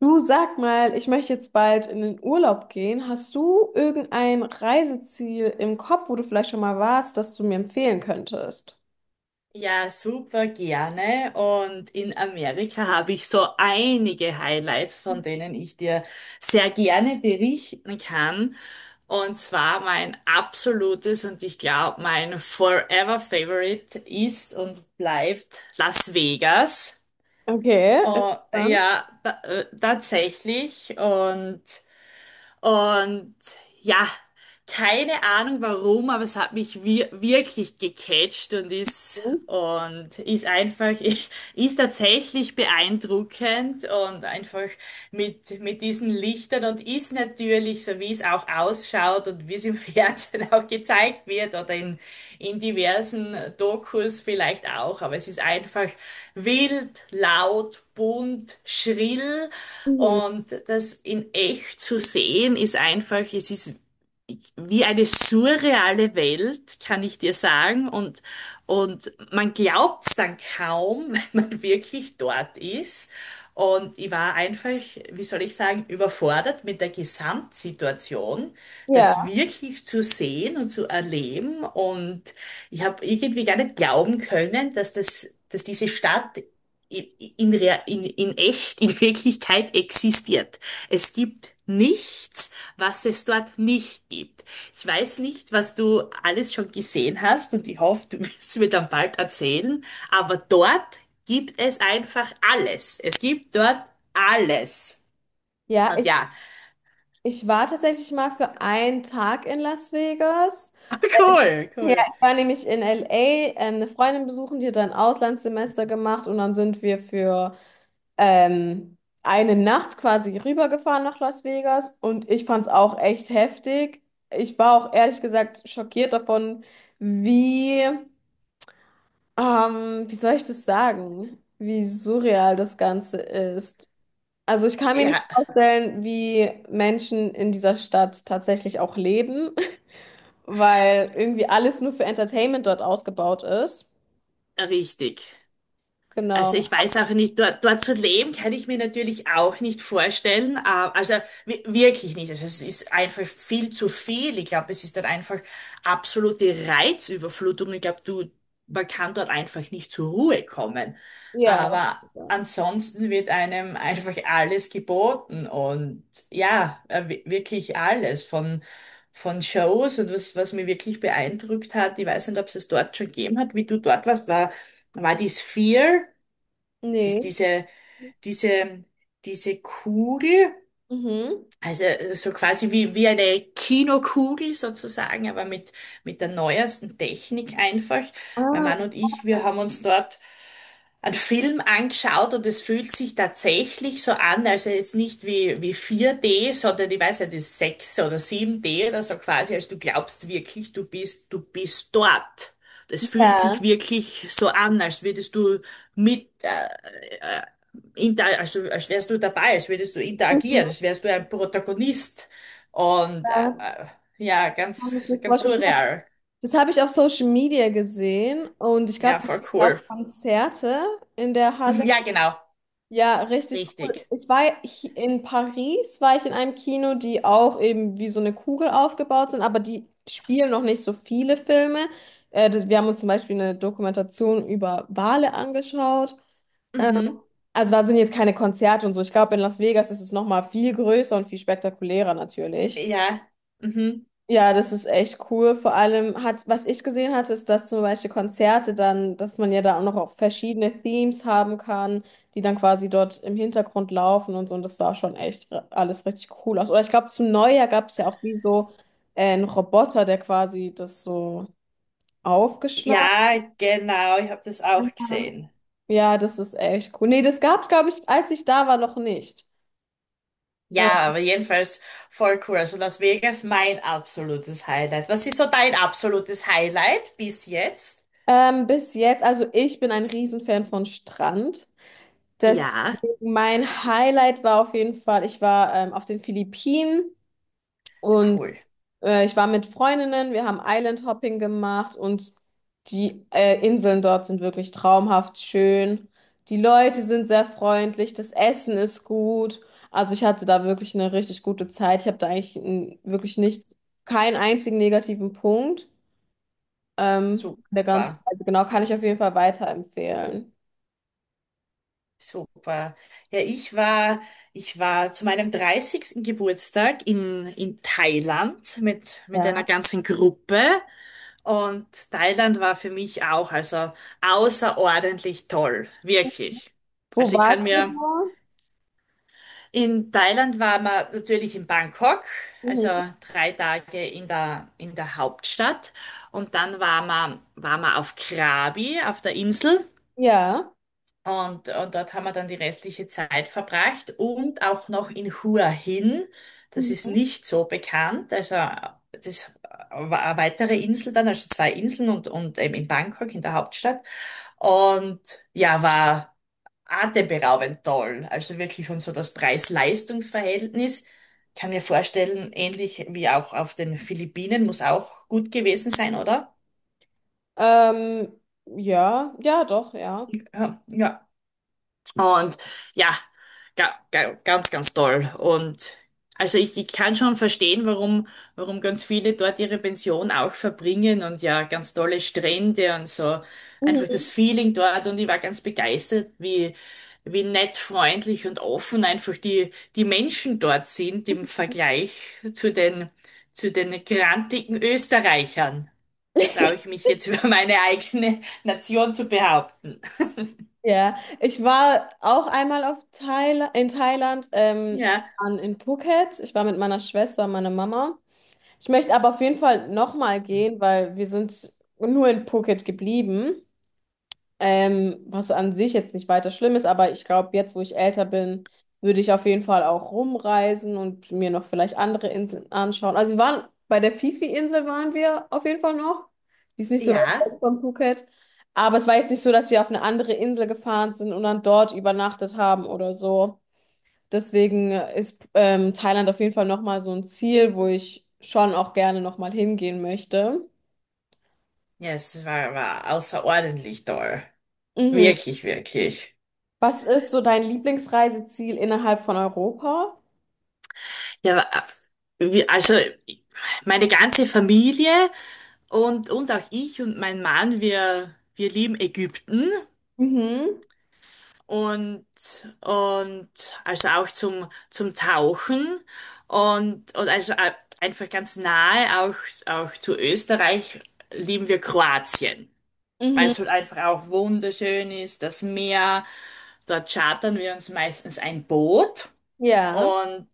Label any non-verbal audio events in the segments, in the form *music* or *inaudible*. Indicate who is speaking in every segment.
Speaker 1: Du sag mal, ich möchte jetzt bald in den Urlaub gehen. Hast du irgendein Reiseziel im Kopf, wo du vielleicht schon mal warst, das du mir empfehlen könntest?
Speaker 2: Ja, super gerne. Und in Amerika habe ich so einige Highlights, von denen ich dir sehr gerne berichten kann. Und zwar mein absolutes und ich glaube mein Forever Favorite ist und bleibt Las Vegas.
Speaker 1: Okay,
Speaker 2: Oh,
Speaker 1: interessant.
Speaker 2: ja, tatsächlich. Und ja, keine Ahnung warum, aber es hat mich wirklich gecatcht und ist einfach *laughs* ist tatsächlich beeindruckend und einfach mit diesen Lichtern und ist natürlich so wie es auch ausschaut und wie es im *laughs* Fernsehen auch gezeigt wird oder in diversen Dokus vielleicht auch. Aber es ist einfach wild, laut, bunt, schrill
Speaker 1: Mhm.
Speaker 2: und das in echt zu sehen ist einfach, es ist wie eine surreale Welt, kann ich dir sagen. Und man glaubt's dann kaum, *laughs* wenn man wirklich dort ist. Und ich war einfach, wie soll ich sagen, überfordert mit der Gesamtsituation, das
Speaker 1: Ja.
Speaker 2: wirklich zu sehen und zu erleben. Und ich habe irgendwie gar nicht glauben können, dass das, dass diese Stadt in, Rea- in echt, in Wirklichkeit existiert. Es gibt nichts, was es dort nicht gibt. Ich weiß nicht, was du alles schon gesehen hast und ich hoffe, du *laughs* wirst es mir dann bald erzählen, aber dort gibt es einfach alles. Es gibt dort alles.
Speaker 1: Ja,
Speaker 2: Und
Speaker 1: ich,
Speaker 2: ja,
Speaker 1: ich war tatsächlich mal für einen Tag in Las Vegas.
Speaker 2: *laughs* cool,
Speaker 1: Ja,
Speaker 2: cool.
Speaker 1: ich war nämlich in LA, eine Freundin besuchen, die hat da ein Auslandssemester gemacht und dann sind wir für ähm, eine Nacht quasi rübergefahren nach Las Vegas und ich fand es auch echt heftig. Ich war auch ehrlich gesagt schockiert davon, wie, wie soll ich das sagen, wie surreal das Ganze ist. Also ich kann mir nicht
Speaker 2: Ja,
Speaker 1: vorstellen, wie Menschen in dieser Stadt tatsächlich auch leben, *laughs* weil irgendwie alles nur für Entertainment dort ausgebaut ist.
Speaker 2: richtig. Also
Speaker 1: Genau.
Speaker 2: ich weiß auch nicht, dort, dort zu leben kann ich mir natürlich auch nicht vorstellen. Also wirklich nicht. Also es ist einfach viel zu viel. Ich glaube, es ist dort einfach absolute Reizüberflutung. Ich glaube, du, man kann dort einfach nicht zur Ruhe kommen.
Speaker 1: Ja.
Speaker 2: Aber ansonsten wird einem einfach alles geboten und ja, wirklich alles von Shows und was, was mir wirklich beeindruckt hat, ich weiß nicht, ob es dort schon gegeben hat, wie du dort warst, war die Sphere. Es ist
Speaker 1: Nee.
Speaker 2: diese, diese Kugel,
Speaker 1: Mhm.
Speaker 2: also so quasi wie, wie eine Kinokugel sozusagen, aber mit der neuesten Technik einfach. Mein
Speaker 1: Ah,
Speaker 2: Mann und ich, wir haben uns dort einen Film angeschaut und es fühlt sich tatsächlich so an, also jetzt nicht wie 4D, sondern ich weiß nicht, das ist 6 oder 7D oder so quasi, als du glaubst wirklich, du bist dort. Das fühlt
Speaker 1: ja.
Speaker 2: sich wirklich so an, als würdest du mit, inter also als wärst du dabei, als würdest du interagieren,
Speaker 1: Mhm.
Speaker 2: als wärst du ein Protagonist. Und ja,
Speaker 1: Kann ich
Speaker 2: ganz,
Speaker 1: mir
Speaker 2: ganz
Speaker 1: vorstellen.
Speaker 2: surreal.
Speaker 1: Das habe ich auf Social Media gesehen und ich glaube,
Speaker 2: Ja, voll
Speaker 1: auch
Speaker 2: cool.
Speaker 1: Konzerte in der Halle.
Speaker 2: *laughs* Ja, genau.
Speaker 1: Ja, richtig cool.
Speaker 2: Richtig.
Speaker 1: Ich war in Paris, war ich in einem Kino, die auch eben wie so eine Kugel aufgebaut sind, aber die spielen noch nicht so viele Filme. Wir haben uns zum Beispiel eine Dokumentation über Wale angeschaut. Ähm,
Speaker 2: Mhm.
Speaker 1: also da sind jetzt keine Konzerte und so. Ich glaube, in Las Vegas ist es nochmal viel größer und viel spektakulärer natürlich.
Speaker 2: Ja. Mhm.
Speaker 1: Ja, das ist echt cool. Vor allem hat, was ich gesehen hatte, ist, dass zum Beispiel Konzerte dann, dass man ja da auch noch auch verschiedene Themes haben kann, die dann quasi dort im Hintergrund laufen und so. Und das sah schon echt alles richtig cool aus. Oder ich glaube, zum Neujahr gab es ja auch wie so einen Roboter, der quasi das so aufgeschlagen
Speaker 2: Ja, genau. Ich habe das auch
Speaker 1: hat.
Speaker 2: gesehen.
Speaker 1: Ja, das ist echt cool. Nee, das gab es, glaube ich, als ich da war, noch nicht. Äh,
Speaker 2: Ja, aber jedenfalls voll cool. Also Las Vegas, mein absolutes Highlight. Was ist so dein absolutes Highlight bis jetzt?
Speaker 1: Bis jetzt, also ich bin ein Riesenfan von Strand. Deswegen
Speaker 2: Ja.
Speaker 1: mein Highlight war auf jeden Fall, ich war auf den Philippinen und
Speaker 2: Cool.
Speaker 1: ich war mit Freundinnen, wir haben Island Hopping gemacht und die Inseln dort sind wirklich traumhaft schön. Die Leute sind sehr freundlich, das Essen ist gut. Also ich hatte da wirklich eine richtig gute Zeit. Ich habe da eigentlich wirklich nicht keinen einzigen negativen Punkt. Der ganzen
Speaker 2: Super.
Speaker 1: Zeit, genau, kann ich auf jeden Fall weiterempfehlen.
Speaker 2: Super. Ja, ich war zu meinem 30. Geburtstag in Thailand mit einer
Speaker 1: Ja.
Speaker 2: ganzen Gruppe und Thailand war für mich auch also außerordentlich toll, wirklich.
Speaker 1: Wo
Speaker 2: Also ich
Speaker 1: warst
Speaker 2: kann mir,
Speaker 1: du?
Speaker 2: in Thailand war man natürlich in Bangkok, also
Speaker 1: Mhm.
Speaker 2: 3 Tage in der Hauptstadt und dann war man auf Krabi, auf der Insel.
Speaker 1: Ja.
Speaker 2: Und dort haben wir dann die restliche Zeit verbracht und auch noch in Hua Hin. Das ist
Speaker 1: Mhm.
Speaker 2: nicht so bekannt. Also das war eine weitere Insel dann, also 2 Inseln und eben in Bangkok, in der Hauptstadt. Und ja, war atemberaubend toll. Also wirklich und so das Preis-Leistungs-Verhältnis. Kann mir vorstellen, ähnlich wie auch auf den Philippinen, muss auch gut gewesen sein, oder?
Speaker 1: Ähm, ja, ja, doch, ja.
Speaker 2: Ja, ja. Und ja, ganz, ganz toll. Und also ich kann schon verstehen, warum ganz viele dort ihre Pension auch verbringen und ja, ganz tolle Strände und so. Einfach das
Speaker 1: Mhm.
Speaker 2: Feeling dort und ich war ganz begeistert, wie nett, freundlich und offen einfach die Menschen dort sind im Vergleich zu den, zu den grantigen Österreichern. Traue ich
Speaker 1: *laughs*
Speaker 2: mich jetzt *laughs* über meine eigene Nation zu behaupten.
Speaker 1: Ja, ich war auch einmal auf Thail in Thailand,
Speaker 2: Ja,
Speaker 1: in Phuket. Ich war mit meiner Schwester und meiner Mama. Ich möchte aber auf jeden Fall nochmal gehen, weil wir sind nur in Phuket geblieben. Was an sich jetzt nicht weiter schlimm ist, aber ich glaube, jetzt, wo ich älter bin, würde ich auf jeden Fall auch rumreisen und mir noch vielleicht andere Inseln anschauen. Also wir waren bei der Fifi-Insel waren wir auf jeden Fall noch. Die ist nicht so weit
Speaker 2: ja.
Speaker 1: weg von Phuket. Aber es war jetzt nicht so, dass wir auf eine andere Insel gefahren sind und dann dort übernachtet haben oder so. Deswegen ist Thailand auf jeden Fall nochmal so ein Ziel, wo ich schon auch gerne nochmal hingehen möchte.
Speaker 2: Ja, es war, war außerordentlich toll.
Speaker 1: Mhm.
Speaker 2: Wirklich, wirklich.
Speaker 1: Was ist so dein Lieblingsreiseziel innerhalb von Europa?
Speaker 2: Ja, also meine ganze Familie und auch ich und mein Mann, wir lieben Ägypten
Speaker 1: Mhm,
Speaker 2: und, und also auch zum Tauchen und also einfach ganz nahe auch, zu Österreich lieben wir Kroatien, weil
Speaker 1: mhm,
Speaker 2: es halt einfach auch wunderschön ist, das Meer. Dort chartern wir uns meistens ein Boot.
Speaker 1: ja,
Speaker 2: und,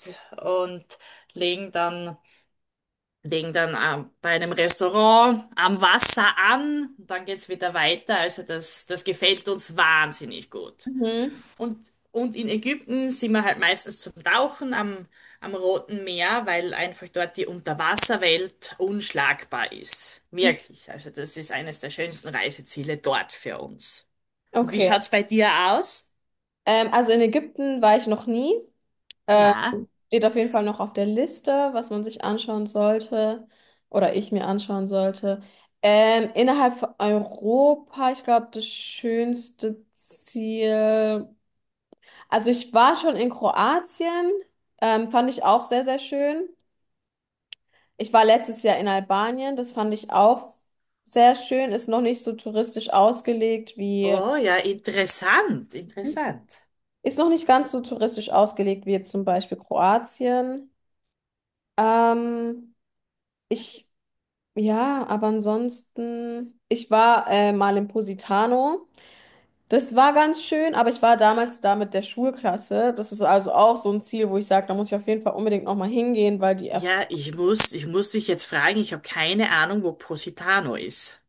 Speaker 2: und legen dann, legen dann bei einem Restaurant am Wasser an. Dann geht's wieder weiter. Also das, das gefällt uns wahnsinnig gut.
Speaker 1: mhm.
Speaker 2: Und in Ägypten sind wir halt meistens zum Tauchen am Roten Meer, weil einfach dort die Unterwasserwelt unschlagbar ist. Wirklich. Also das ist eines der schönsten Reiseziele dort für uns. Und wie
Speaker 1: Okay.
Speaker 2: schaut's bei dir aus?
Speaker 1: Also in Ägypten war ich noch nie. Ähm,
Speaker 2: Ja.
Speaker 1: steht auf jeden Fall noch auf der Liste, was man sich anschauen sollte oder ich mir anschauen sollte. Innerhalb von Europa, ich glaube, das schönste Ziel. Also ich war schon in Kroatien, fand ich auch sehr, sehr schön. Ich war letztes Jahr in Albanien, das fand ich auch sehr schön, ist noch nicht so touristisch ausgelegt wie.
Speaker 2: Oh ja, interessant, interessant.
Speaker 1: Ist noch nicht ganz so touristisch ausgelegt wie jetzt zum Beispiel Kroatien. Ähm, ich, ja, aber ansonsten, ich war mal in Positano. Das war ganz schön, aber ich war damals da mit der Schulklasse. Das ist also auch so ein Ziel, wo ich sage, da muss ich auf jeden Fall unbedingt nochmal hingehen, weil die. Erf
Speaker 2: Ja, ich muss dich jetzt fragen, ich habe keine Ahnung, wo Positano ist.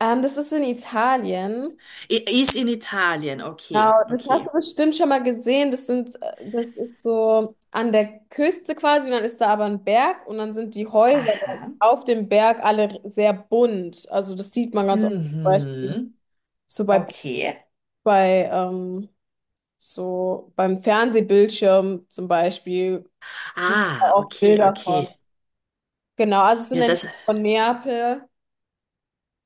Speaker 1: Das ist in Italien.
Speaker 2: I ist in Italien,
Speaker 1: Genau,
Speaker 2: okay,
Speaker 1: das hast du
Speaker 2: okay.
Speaker 1: bestimmt schon mal gesehen. Das ist so an der Küste quasi und dann ist da aber ein Berg und dann sind die Häuser
Speaker 2: Aha.
Speaker 1: auf dem Berg alle sehr bunt. Also das sieht man ganz oft zum Beispiel
Speaker 2: Mhm.
Speaker 1: so bei,
Speaker 2: Okay.
Speaker 1: bei ähm, so beim Fernsehbildschirm zum Beispiel gibt da
Speaker 2: Ah,
Speaker 1: auch
Speaker 2: okay,
Speaker 1: Bilder von.
Speaker 2: okay.
Speaker 1: Genau, also es sind
Speaker 2: Ja,
Speaker 1: entweder
Speaker 2: das,
Speaker 1: von Neapel.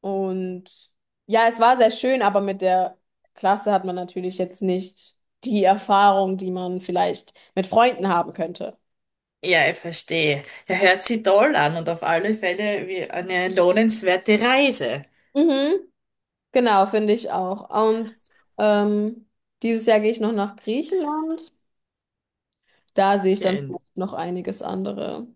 Speaker 1: Und ja, es war sehr schön, aber mit der Klasse hat man natürlich jetzt nicht die Erfahrung, die man vielleicht mit Freunden haben könnte.
Speaker 2: ja, ich verstehe. Er hört sie toll an und auf alle Fälle wie eine lohnenswerte Reise.
Speaker 1: Mhm, genau, finde ich auch. Und ähm, dieses Jahr gehe ich noch nach Griechenland. Da sehe ich
Speaker 2: Ja,
Speaker 1: dann noch einiges andere.